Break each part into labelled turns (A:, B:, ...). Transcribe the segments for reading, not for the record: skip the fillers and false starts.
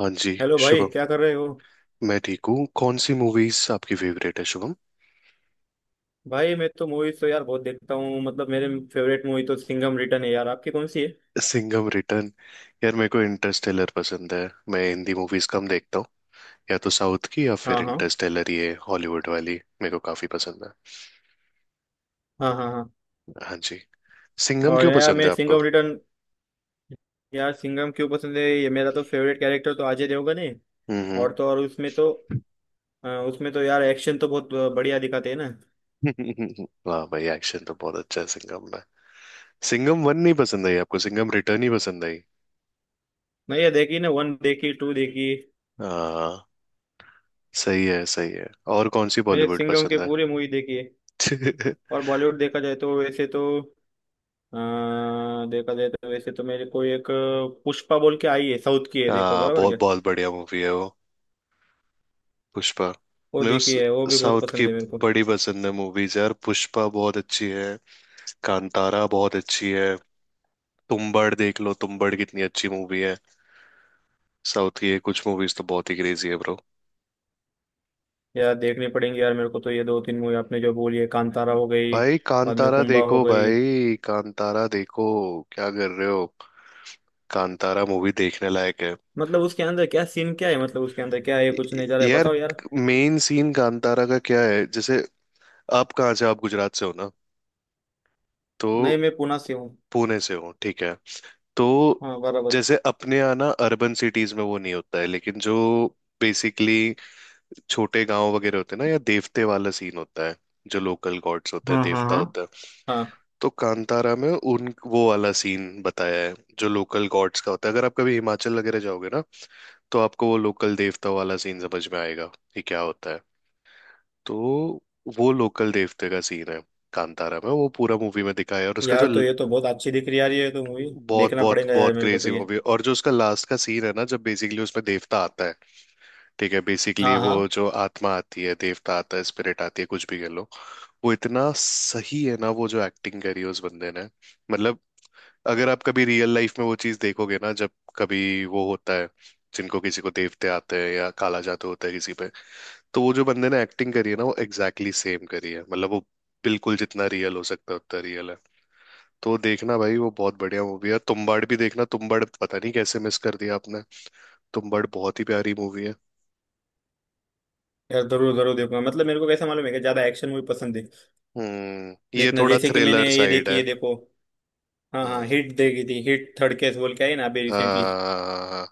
A: हाँ जी।
B: हेलो भाई,
A: शुभम,
B: क्या कर रहे हो।
A: मैं ठीक हूँ। कौन सी मूवीज आपकी फेवरेट है शुभम?
B: भाई मैं तो मूवीज तो यार बहुत देखता हूँ, मतलब मेरे फेवरेट मूवी तो सिंघम रिटर्न है यार, आपकी कौन सी है।
A: सिंघम रिटर्न। यार मेरे को इंटरस्टेलर पसंद है। मैं हिंदी मूवीज कम देखता हूँ। या तो साउथ की या फिर
B: हाँ, हाँ,
A: इंटरस्टेलर, ये हॉलीवुड वाली मेरे को काफी पसंद है।
B: हाँ, हाँ, हाँ।
A: हाँ जी। सिंघम
B: और
A: क्यों
B: यार
A: पसंद
B: मैं
A: है आपको?
B: सिंघम रिटर्न, यार सिंघम क्यों पसंद है, ये मेरा तो फेवरेट कैरेक्टर तो अजय देवगन है।
A: हम्म।
B: और तो और उसमें तो उसमें तो यार एक्शन तो बहुत बढ़िया दिखाते हैं ना।
A: हम्म। वाह भाई, एक्शन तो बहुत अच्छा है सिंघम में। सिंघम वन नहीं पसंद आई आपको? सिंघम रिटर्न ही पसंद आई?
B: मैं ये देखी ना, 1 देखी, 2 देखी।
A: हाँ, सही है सही है। और कौन सी
B: मैंने
A: बॉलीवुड
B: सिंघम के
A: पसंद है?
B: पूरी मूवी देखी है। और बॉलीवुड देखा जाए तो वैसे तो अ, देखा जाए तो वैसे तो मेरे को एक पुष्पा बोल के आई है, साउथ की है, देखो
A: हाँ,
B: बराबर
A: बहुत
B: क्या।
A: बहुत बढ़िया मूवी है वो। पुष्पा।
B: वो
A: मेरे को
B: देखी है, वो भी बहुत
A: साउथ की
B: पसंद है मेरे को।
A: बड़ी पसंद है मूवीज यार। पुष्पा बहुत अच्छी है। कांतारा बहुत अच्छी है। तुम्बाड़ देख लो, तुम्बाड़ कितनी अच्छी मूवी है। साउथ की ये कुछ मूवीज तो बहुत ही क्रेजी है ब्रो।
B: यार देखनी पड़ेंगी यार, मेरे को तो ये दो तीन मूवी आपने जो बोली है, कांतारा हो गई,
A: भाई
B: बाद में
A: कांतारा
B: कुंबा हो
A: देखो,
B: गई।
A: भाई कांतारा देखो। क्या कर रहे हो? कांतारा मूवी देखने लायक है।
B: मतलब उसके अंदर क्या सीन क्या है, मतलब उसके अंदर क्या है, कुछ
A: य-
B: नहीं जा रहा है,
A: यार,
B: बताओ यार।
A: मेन सीन कांतारा का क्या है? जैसे, आप कहाँ से, आप गुजरात से हो ना? तो
B: नहीं, मैं पुणे से हूँ।
A: पुणे से हो, ठीक है। तो
B: हाँ बराबर।
A: जैसे अपने यहाँ ना अर्बन सिटीज में वो नहीं होता है, लेकिन जो बेसिकली छोटे गांव वगैरह होते हैं ना, या देवते वाला सीन होता है, जो लोकल गॉड्स होते हैं,
B: हाँ, हाँ,
A: देवता
B: हाँ,
A: होता है।
B: हाँ।
A: तो कांतारा में उन, वो वाला सीन बताया है जो लोकल गॉड्स का होता है। अगर आप कभी हिमाचल वगैरह जाओगे ना, तो आपको वो लोकल देवता वाला सीन समझ में आएगा कि क्या होता है। तो वो लोकल देवते का सीन है कांतारा में, वो पूरा मूवी में दिखाया है। और उसका
B: यार
A: जो
B: तो ये तो बहुत अच्छी दिख रही यार, ये तो मूवी,
A: बहुत
B: देखना
A: बहुत
B: पड़ेगा यार
A: बहुत
B: मेरे को तो
A: क्रेजी
B: ये।
A: मूवी, और जो उसका लास्ट का सीन है ना, जब बेसिकली उसमें देवता आता है, ठीक है बेसिकली,
B: हाँ,
A: वो
B: हाँ।
A: जो आत्मा आती है, देवता आता है, स्पिरिट आती है कुछ भी कह लो। वो इतना सही है ना, वो जो एक्टिंग करी है उस बंदे ने, मतलब अगर आप कभी रियल लाइफ में वो चीज देखोगे ना, जब कभी वो होता है, जिनको किसी को देवते आते हैं या काला जादू होता है किसी पे, तो वो जो बंदे ने एक्टिंग करी है ना, वो एग्जैक्टली exactly सेम करी है। मतलब वो बिल्कुल जितना रियल हो सकता है उतना रियल है। तो देखना भाई, वो बहुत बढ़िया मूवी है। तुम्बाड़ भी देखना, तुम्बाड़ पता नहीं कैसे मिस कर दिया आपने। तुम्बाड़ बहुत ही प्यारी मूवी है।
B: यार जरूर जरूर देखूंगा, मतलब मेरे को कैसा मालूम है कि ज्यादा एक्शन मूवी पसंद है।
A: हम्म, ये
B: देखना
A: थोड़ा
B: जैसे कि मैंने
A: थ्रिलर
B: ये
A: साइड
B: देखी
A: है।
B: है देखो। हाँ, हाँ,
A: हम्म।
B: हिट देखी थी, हिट थर्ड केस बोल के आई ना अभी रिसेंटली।
A: हाँ।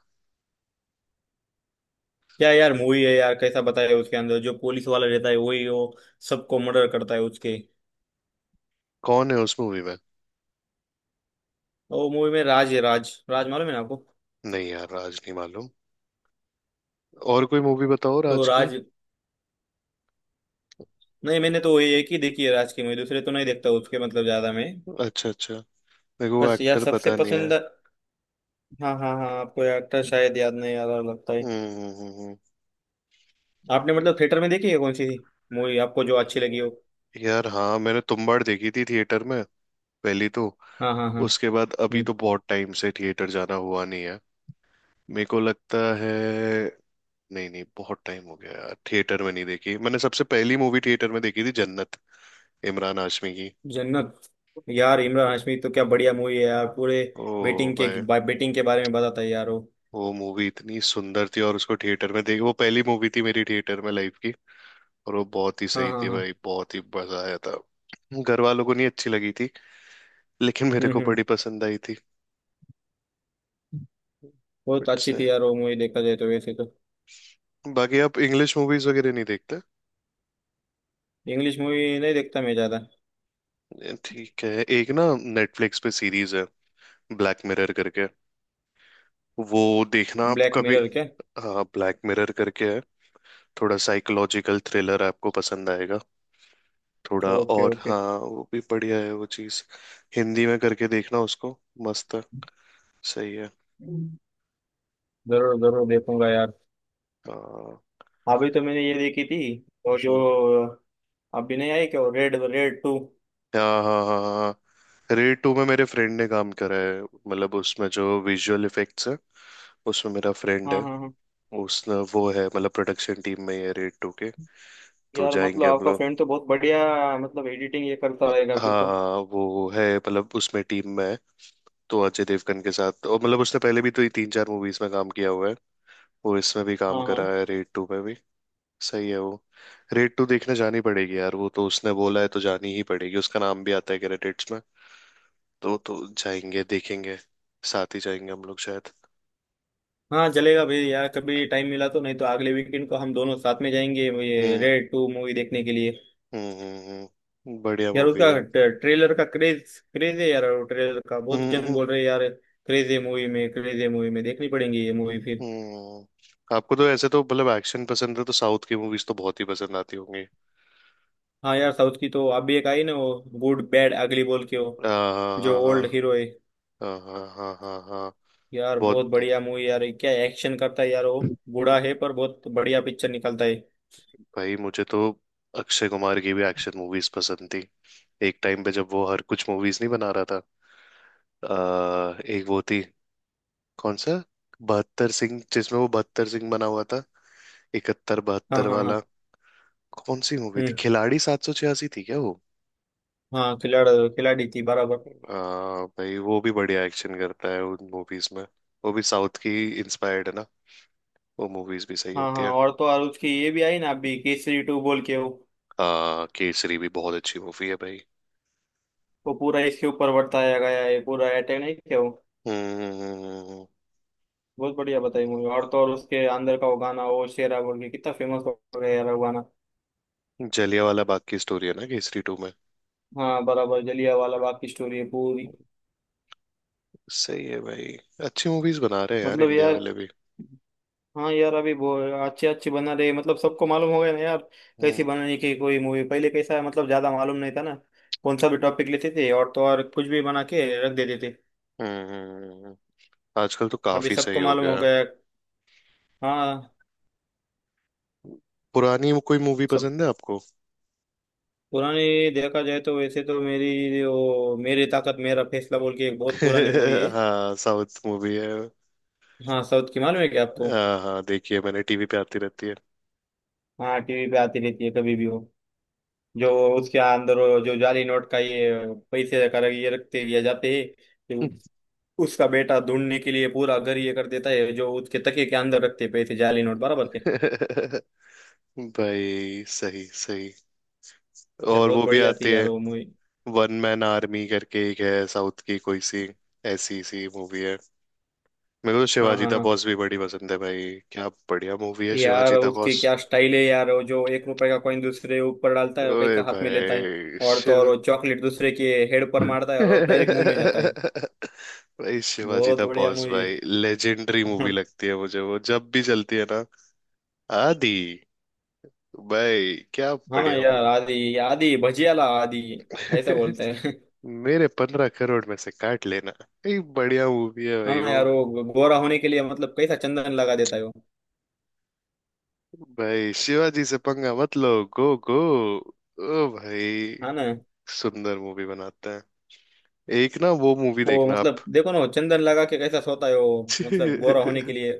B: क्या यार मूवी है यार, कैसा बताया उसके अंदर, जो पुलिस वाला रहता है वही वो सबको मर्डर करता है उसके।
A: कौन है उस मूवी में?
B: तो वो मूवी में राज है, राज राज मालूम है ना आपको।
A: नहीं यार, राज नहीं मालूम। और कोई मूवी बताओ
B: तो
A: राज की।
B: राज, नहीं मैंने तो वही एक ही देखी है राज की मूवी, दूसरे तो नहीं देखता उसके, मतलब ज्यादा मैं।
A: अच्छा अच्छा। मेरे को वो
B: बस यार
A: एक्टर
B: सबसे
A: पता नहीं है।
B: पसंद। हाँ, हाँ, हाँ, आपको एक्टर शायद याद नहीं आ रहा लगता है।
A: हम्म।
B: आपने
A: हम्म।
B: मतलब थिएटर में देखी है कौन सी मूवी आपको जो अच्छी लगी हो।
A: यार हाँ, मैंने तुम्बाड़ देखी थी थिएटर में, पहली तो।
B: हाँ, हाँ, हाँ।
A: उसके बाद अभी
B: हम्म।
A: तो बहुत टाइम से थिएटर जाना हुआ नहीं है। मेरे को लगता है, नहीं नहीं बहुत टाइम हो गया यार थिएटर में नहीं देखी। मैंने सबसे पहली मूवी थिएटर में देखी थी जन्नत, इमरान हाशमी की।
B: जन्नत, यार इमरान
A: ओ,
B: हाशमी तो क्या बढ़िया मूवी है यार, पूरे
A: ओ
B: बेटिंग के,
A: भाई,
B: बेटिंग के बारे में बताता है यार वो।
A: वो मूवी इतनी सुंदर थी और उसको थिएटर में देख, वो पहली मूवी थी मेरी थिएटर में लाइफ की। और वो बहुत ही
B: हाँ,
A: सही
B: हाँ,
A: थी
B: हाँ।
A: भाई, बहुत ही मजा आया था। घर वालों को नहीं अच्छी लगी थी, लेकिन मेरे
B: हम्म,
A: को
B: हम्म।
A: बड़ी पसंद आई थी।
B: बहुत
A: बट्स,
B: अच्छी थी यार वो मूवी, देखा जाए तो वैसे तो।
A: बाकी आप इंग्लिश मूवीज वगैरह नहीं देखते?
B: इंग्लिश मूवी नहीं देखता मैं ज्यादा।
A: ठीक है। एक ना, नेटफ्लिक्स पे सीरीज है ब्लैक मिरर करके, वो देखना आप
B: ब्लैक
A: कभी।
B: मिरर क्या।
A: हाँ, ब्लैक मिरर करके है, थोड़ा साइकोलॉजिकल थ्रिलर, आपको पसंद आएगा थोड़ा।
B: ओके,
A: और
B: ओके।
A: हाँ वो भी बढ़िया है वो चीज। हिंदी में करके देखना उसको, मस्त है। सही है।
B: जरूर जरूर देखूंगा यार।
A: हाँ।
B: अभी तो मैंने ये देखी थी और जो,
A: हम्म।
B: अभी नहीं आई क्या रेड रेड 2।
A: हाँ हाँ हाँ हाँ, रेड टू में मेरे फ्रेंड ने काम करा है, मतलब उसमें जो विजुअल इफेक्ट्स है उसमें मेरा फ्रेंड
B: हाँ,
A: है।
B: हाँ, हाँ।
A: उसने वो है, मतलब प्रोडक्शन टीम में ही है रेड टू के। तो
B: यार मतलब
A: जाएंगे हम
B: आपका
A: लोग।
B: फ्रेंड तो बहुत बढ़िया, मतलब एडिटिंग ये करता रहेगा
A: हाँ
B: फिर
A: हाँ,
B: तो।
A: हाँ, वो है मतलब उसमें टीम में है, तो अजय देवगन के साथ। और मतलब उसने पहले भी तो ये तीन चार मूवीज में काम किया हुआ है, वो इसमें भी काम
B: हाँ,
A: करा
B: हाँ।
A: है रेड टू में भी। सही है वो। रेड टू देखने जानी पड़ेगी यार, वो तो उसने बोला है तो जानी ही पड़ेगी, उसका नाम भी आता है क्रेडिट्स में। तो जाएंगे देखेंगे, साथ ही जाएंगे हम लोग शायद।
B: हाँ चलेगा भाई यार, कभी टाइम मिला तो, नहीं तो अगले वीकेंड को हम दोनों साथ में जाएंगे ये
A: हम्म।
B: रेड 2 मूवी देखने के लिए।
A: हम्म। बढ़िया
B: यार
A: मूवी
B: उसका
A: है, हम्म।
B: ट्रेलर का क्रेज क्रेज है यार वो, ट्रेलर का बहुत जन
A: हम्म
B: बोल रहे हैं यार। क्रेज है मूवी में, क्रेज है मूवी में, देखनी पड़ेंगी ये मूवी फिर।
A: हम्म। आपको तो ऐसे तो मतलब एक्शन पसंद है, तो साउथ की मूवीज तो बहुत ही पसंद आती होंगी।
B: हाँ यार साउथ की तो अभी एक आई ना वो, गुड बैड अगली बोल के, वो
A: हाँ हाँ
B: जो ओल्ड
A: हाँ
B: हीरो है।
A: हाँ। हाँ हाँ हाँ हाँ, हाँ,
B: यार बहुत
A: बहुत।
B: बढ़िया मूवी यार, क्या एक्शन करता है यार वो, बूढ़ा है पर बहुत बढ़िया पिक्चर निकलता है।
A: भाई मुझे तो अक्षय कुमार की भी एक्शन मूवीज पसंद थी, एक टाइम पे जब वो हर कुछ मूवीज नहीं बना रहा था। एक वो थी, कौन सा, बहत्तर सिंह, जिसमें वो बहत्तर सिंह बना हुआ था, 71
B: हाँ,
A: 72
B: हाँ,
A: वाला।
B: हाँ।
A: कौन सी मूवी थी,
B: हम्म।
A: खिलाड़ी 786 थी क्या वो?
B: हाँ, खिलाड़ी, खिलाड़ी थी बराबर।
A: भाई वो भी बढ़िया एक्शन करता है उन मूवीज में। वो भी साउथ की इंस्पायर्ड है ना, वो मूवीज भी सही
B: हाँ,
A: होती
B: हाँ,
A: है।
B: और तो और उसकी ये भी आई ना अभी केसरी 2 बोल के वो
A: केसरी भी बहुत अच्छी मूवी है भाई।
B: वो पूरा इसके ऊपर वर्ताया गया है, पूरा अटैक नहीं क्या वो,
A: हम्म। हम्म, हम्म, हम्म,
B: बहुत बढ़िया बताई
A: हम्म।
B: मूवी। और तो और उसके अंदर का वो गाना, वो शेरा बोल के, कितना फेमस हो गया यार वो गाना।
A: जलियांवाला बाग की स्टोरी है ना केसरी टू में।
B: हाँ बराबर, जलिया वाला बाग की स्टोरी है पूरी।
A: सही है भाई, अच्छी मूवीज बना रहे हैं यार
B: मतलब
A: इंडिया
B: यार,
A: वाले भी।
B: हाँ यार अभी बहुत अच्छे अच्छे बना रहे, मतलब सबको मालूम हो गया ना यार,
A: हम्म।
B: कैसी बनाने की। कोई मूवी पहले कैसा है, मतलब ज्यादा मालूम नहीं था ना, कौन सा भी टॉपिक लेते थे और तो और कुछ भी बना के रख देते थे।
A: हम्म हम्म, हम्म। आजकल तो
B: अभी
A: काफी सही
B: सबको
A: हो
B: मालूम हो
A: गया है।
B: गया। हाँ।
A: पुरानी कोई मूवी
B: सब
A: पसंद है आपको?
B: पुरानी, देखा जाए तो वैसे तो मेरी वो, मेरी ताकत मेरा फैसला बोल के एक बहुत पुरानी मूवी है।
A: हाँ, साउथ मूवी है।
B: हाँ, साउथ की, मालूम है क्या आपको।
A: हाँ हाँ, देखिए मैंने, टीवी पे आती रहती है।
B: हाँ टीवी पे आती रहती है कभी भी वो, जो उसके अंदर वो जो जाली नोट का ये पैसे कर ये रखते दिया जाते हैं, तो उसका बेटा ढूंढने के लिए पूरा घर ये कर देता है, जो उसके तकिए के अंदर रखते हैं पैसे जाली नोट बराबर से।
A: भाई सही सही,
B: ये
A: और वो
B: बहुत
A: भी
B: बढ़िया
A: आती
B: थी यार
A: है।
B: वो मूवी।
A: वन मैन आर्मी करके एक है साउथ की कोई सी, ऐसी सी मूवी है। मेरे को तो
B: हाँ,
A: शिवाजी
B: हाँ,
A: द
B: हाँ।
A: बॉस भी बड़ी पसंद है भाई। क्या बढ़िया मूवी है
B: यार
A: शिवाजी द
B: उसकी
A: बॉस।
B: क्या स्टाइल है यार, वो जो एक रुपए का कॉइन दूसरे ऊपर डालता है और
A: ओए
B: कैसा हाथ में लेता है,
A: भाई
B: और तो और
A: शिव,
B: वो चॉकलेट दूसरे के हेड पर मारता है और डायरेक्ट मुंह में जाता है।
A: भाई शिवाजी
B: बहुत
A: द
B: बढ़िया
A: बॉस,
B: मूवी।
A: भाई लेजेंडरी मूवी लगती है मुझे। वो जब भी चलती है ना, आदि, भाई क्या
B: हाँ
A: बढ़िया
B: यार
A: मूवी।
B: आदि आदि भजियाला आदि ऐसा बोलते हैं।
A: मेरे 15 करोड़ में से काट लेना, ये बढ़िया मूवी है
B: हाँ
A: भाई
B: ना
A: वो।
B: यार, वो गोरा होने के लिए मतलब कैसा चंदन लगा देता है वो।
A: भाई शिवाजी से पंगा मत लो, गो गो। ओ भाई,
B: हाँ ना,
A: सुंदर मूवी बनाते हैं। एक ना वो मूवी
B: वो
A: देखना
B: मतलब
A: आप।
B: देखो ना, वो चंदन लगा के कैसा सोता है वो मतलब गोरा होने के लिए।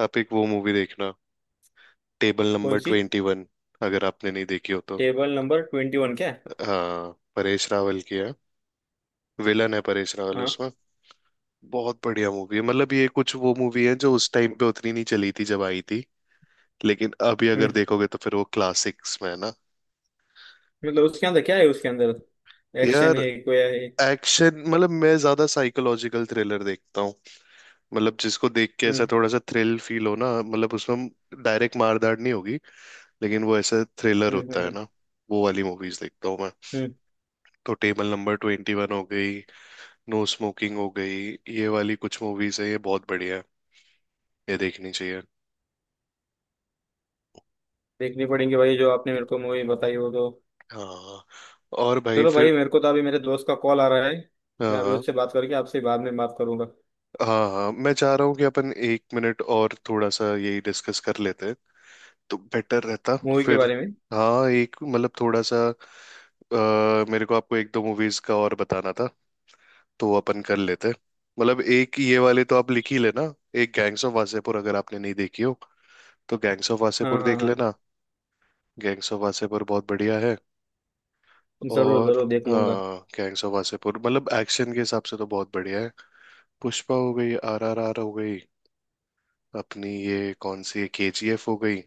A: आप एक वो मूवी देखना, टेबल नंबर
B: कौन सी।
A: 21, अगर आपने नहीं देखी हो तो।
B: टेबल नंबर 21 क्या।
A: हाँ, परेश रावल की है, विलन है परेश रावल
B: हाँ।
A: उसमें। बहुत बढ़िया मूवी है, मतलब ये कुछ वो मूवी है जो उस टाइम पे उतनी नहीं चली थी जब आई थी, लेकिन अभी अगर
B: हम्म।
A: देखोगे तो फिर वो क्लासिक्स में है ना।
B: मतलब उसके अंदर क्या है, उसके अंदर एक्शन
A: यार
B: है कोया है।
A: एक्शन, मतलब मैं ज्यादा साइकोलॉजिकल थ्रिलर देखता हूँ। मतलब जिसको देख के ऐसा
B: हम्म,
A: थोड़ा सा थ्रिल फील हो ना, मतलब उसमें डायरेक्ट मारधाड़ नहीं होगी, लेकिन वो ऐसा थ्रिलर
B: हम्म, हम्म,
A: होता है
B: हम्म,
A: ना। वो वाली मूवीज देखता हूँ मैं।
B: हम्म।
A: तो टेबल नंबर 21 हो गई, नो स्मोकिंग हो गई, ये वाली कुछ मूवीज है, ये बहुत बढ़िया है, ये देखनी चाहिए।
B: देखनी पड़ेंगे भाई जो आपने मेरे को मूवी बताई हो तो।
A: हाँ, और भाई
B: चलो
A: फिर।
B: भाई मेरे को तो अभी मेरे दोस्त का कॉल आ रहा है, मैं अभी
A: हाँ
B: उससे बात करके आपसे बाद में बात करूंगा।
A: हाँ, हाँ मैं चाह रहा हूँ कि अपन 1 मिनट और थोड़ा सा यही डिस्कस कर लेते हैं, तो बेटर रहता
B: मूवी के
A: फिर।
B: बारे में।
A: हाँ, एक मतलब थोड़ा सा, मेरे को आपको एक दो मूवीज का और बताना था, तो अपन कर लेते हैं। मतलब एक ये वाले तो आप लिख ही लेना। एक गैंग्स ऑफ वासेपुर, अगर आपने नहीं देखी हो तो गैंग्स ऑफ
B: हाँ,
A: वासेपुर
B: हाँ,
A: देख
B: हाँ।
A: लेना, गैंग्स ऑफ वासेपुर बहुत बढ़िया है।
B: जरूर
A: और
B: जरूर देख लूंगा।
A: हाँ, गैंग्स ऑफ वासेपुर मतलब एक्शन के हिसाब से तो बहुत बढ़िया है। पुष्पा हो गई, RRR हो गई, अपनी ये कौन सी है, KGF हो गई,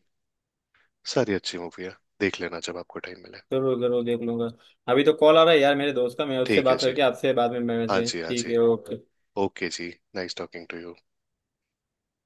A: सारी अच्छी मूवी है, देख लेना जब आपको टाइम मिले।
B: जरूर जरूर देख लूंगा। अभी तो कॉल आ रहा है यार मेरे दोस्त का, मैं उससे
A: ठीक है
B: बात
A: जी,
B: करके आपसे बाद में मिलना
A: हाँ
B: चाहिए,
A: जी हाँ
B: ठीक
A: जी,
B: है ओके।
A: ओके जी, नाइस टॉकिंग टू यू।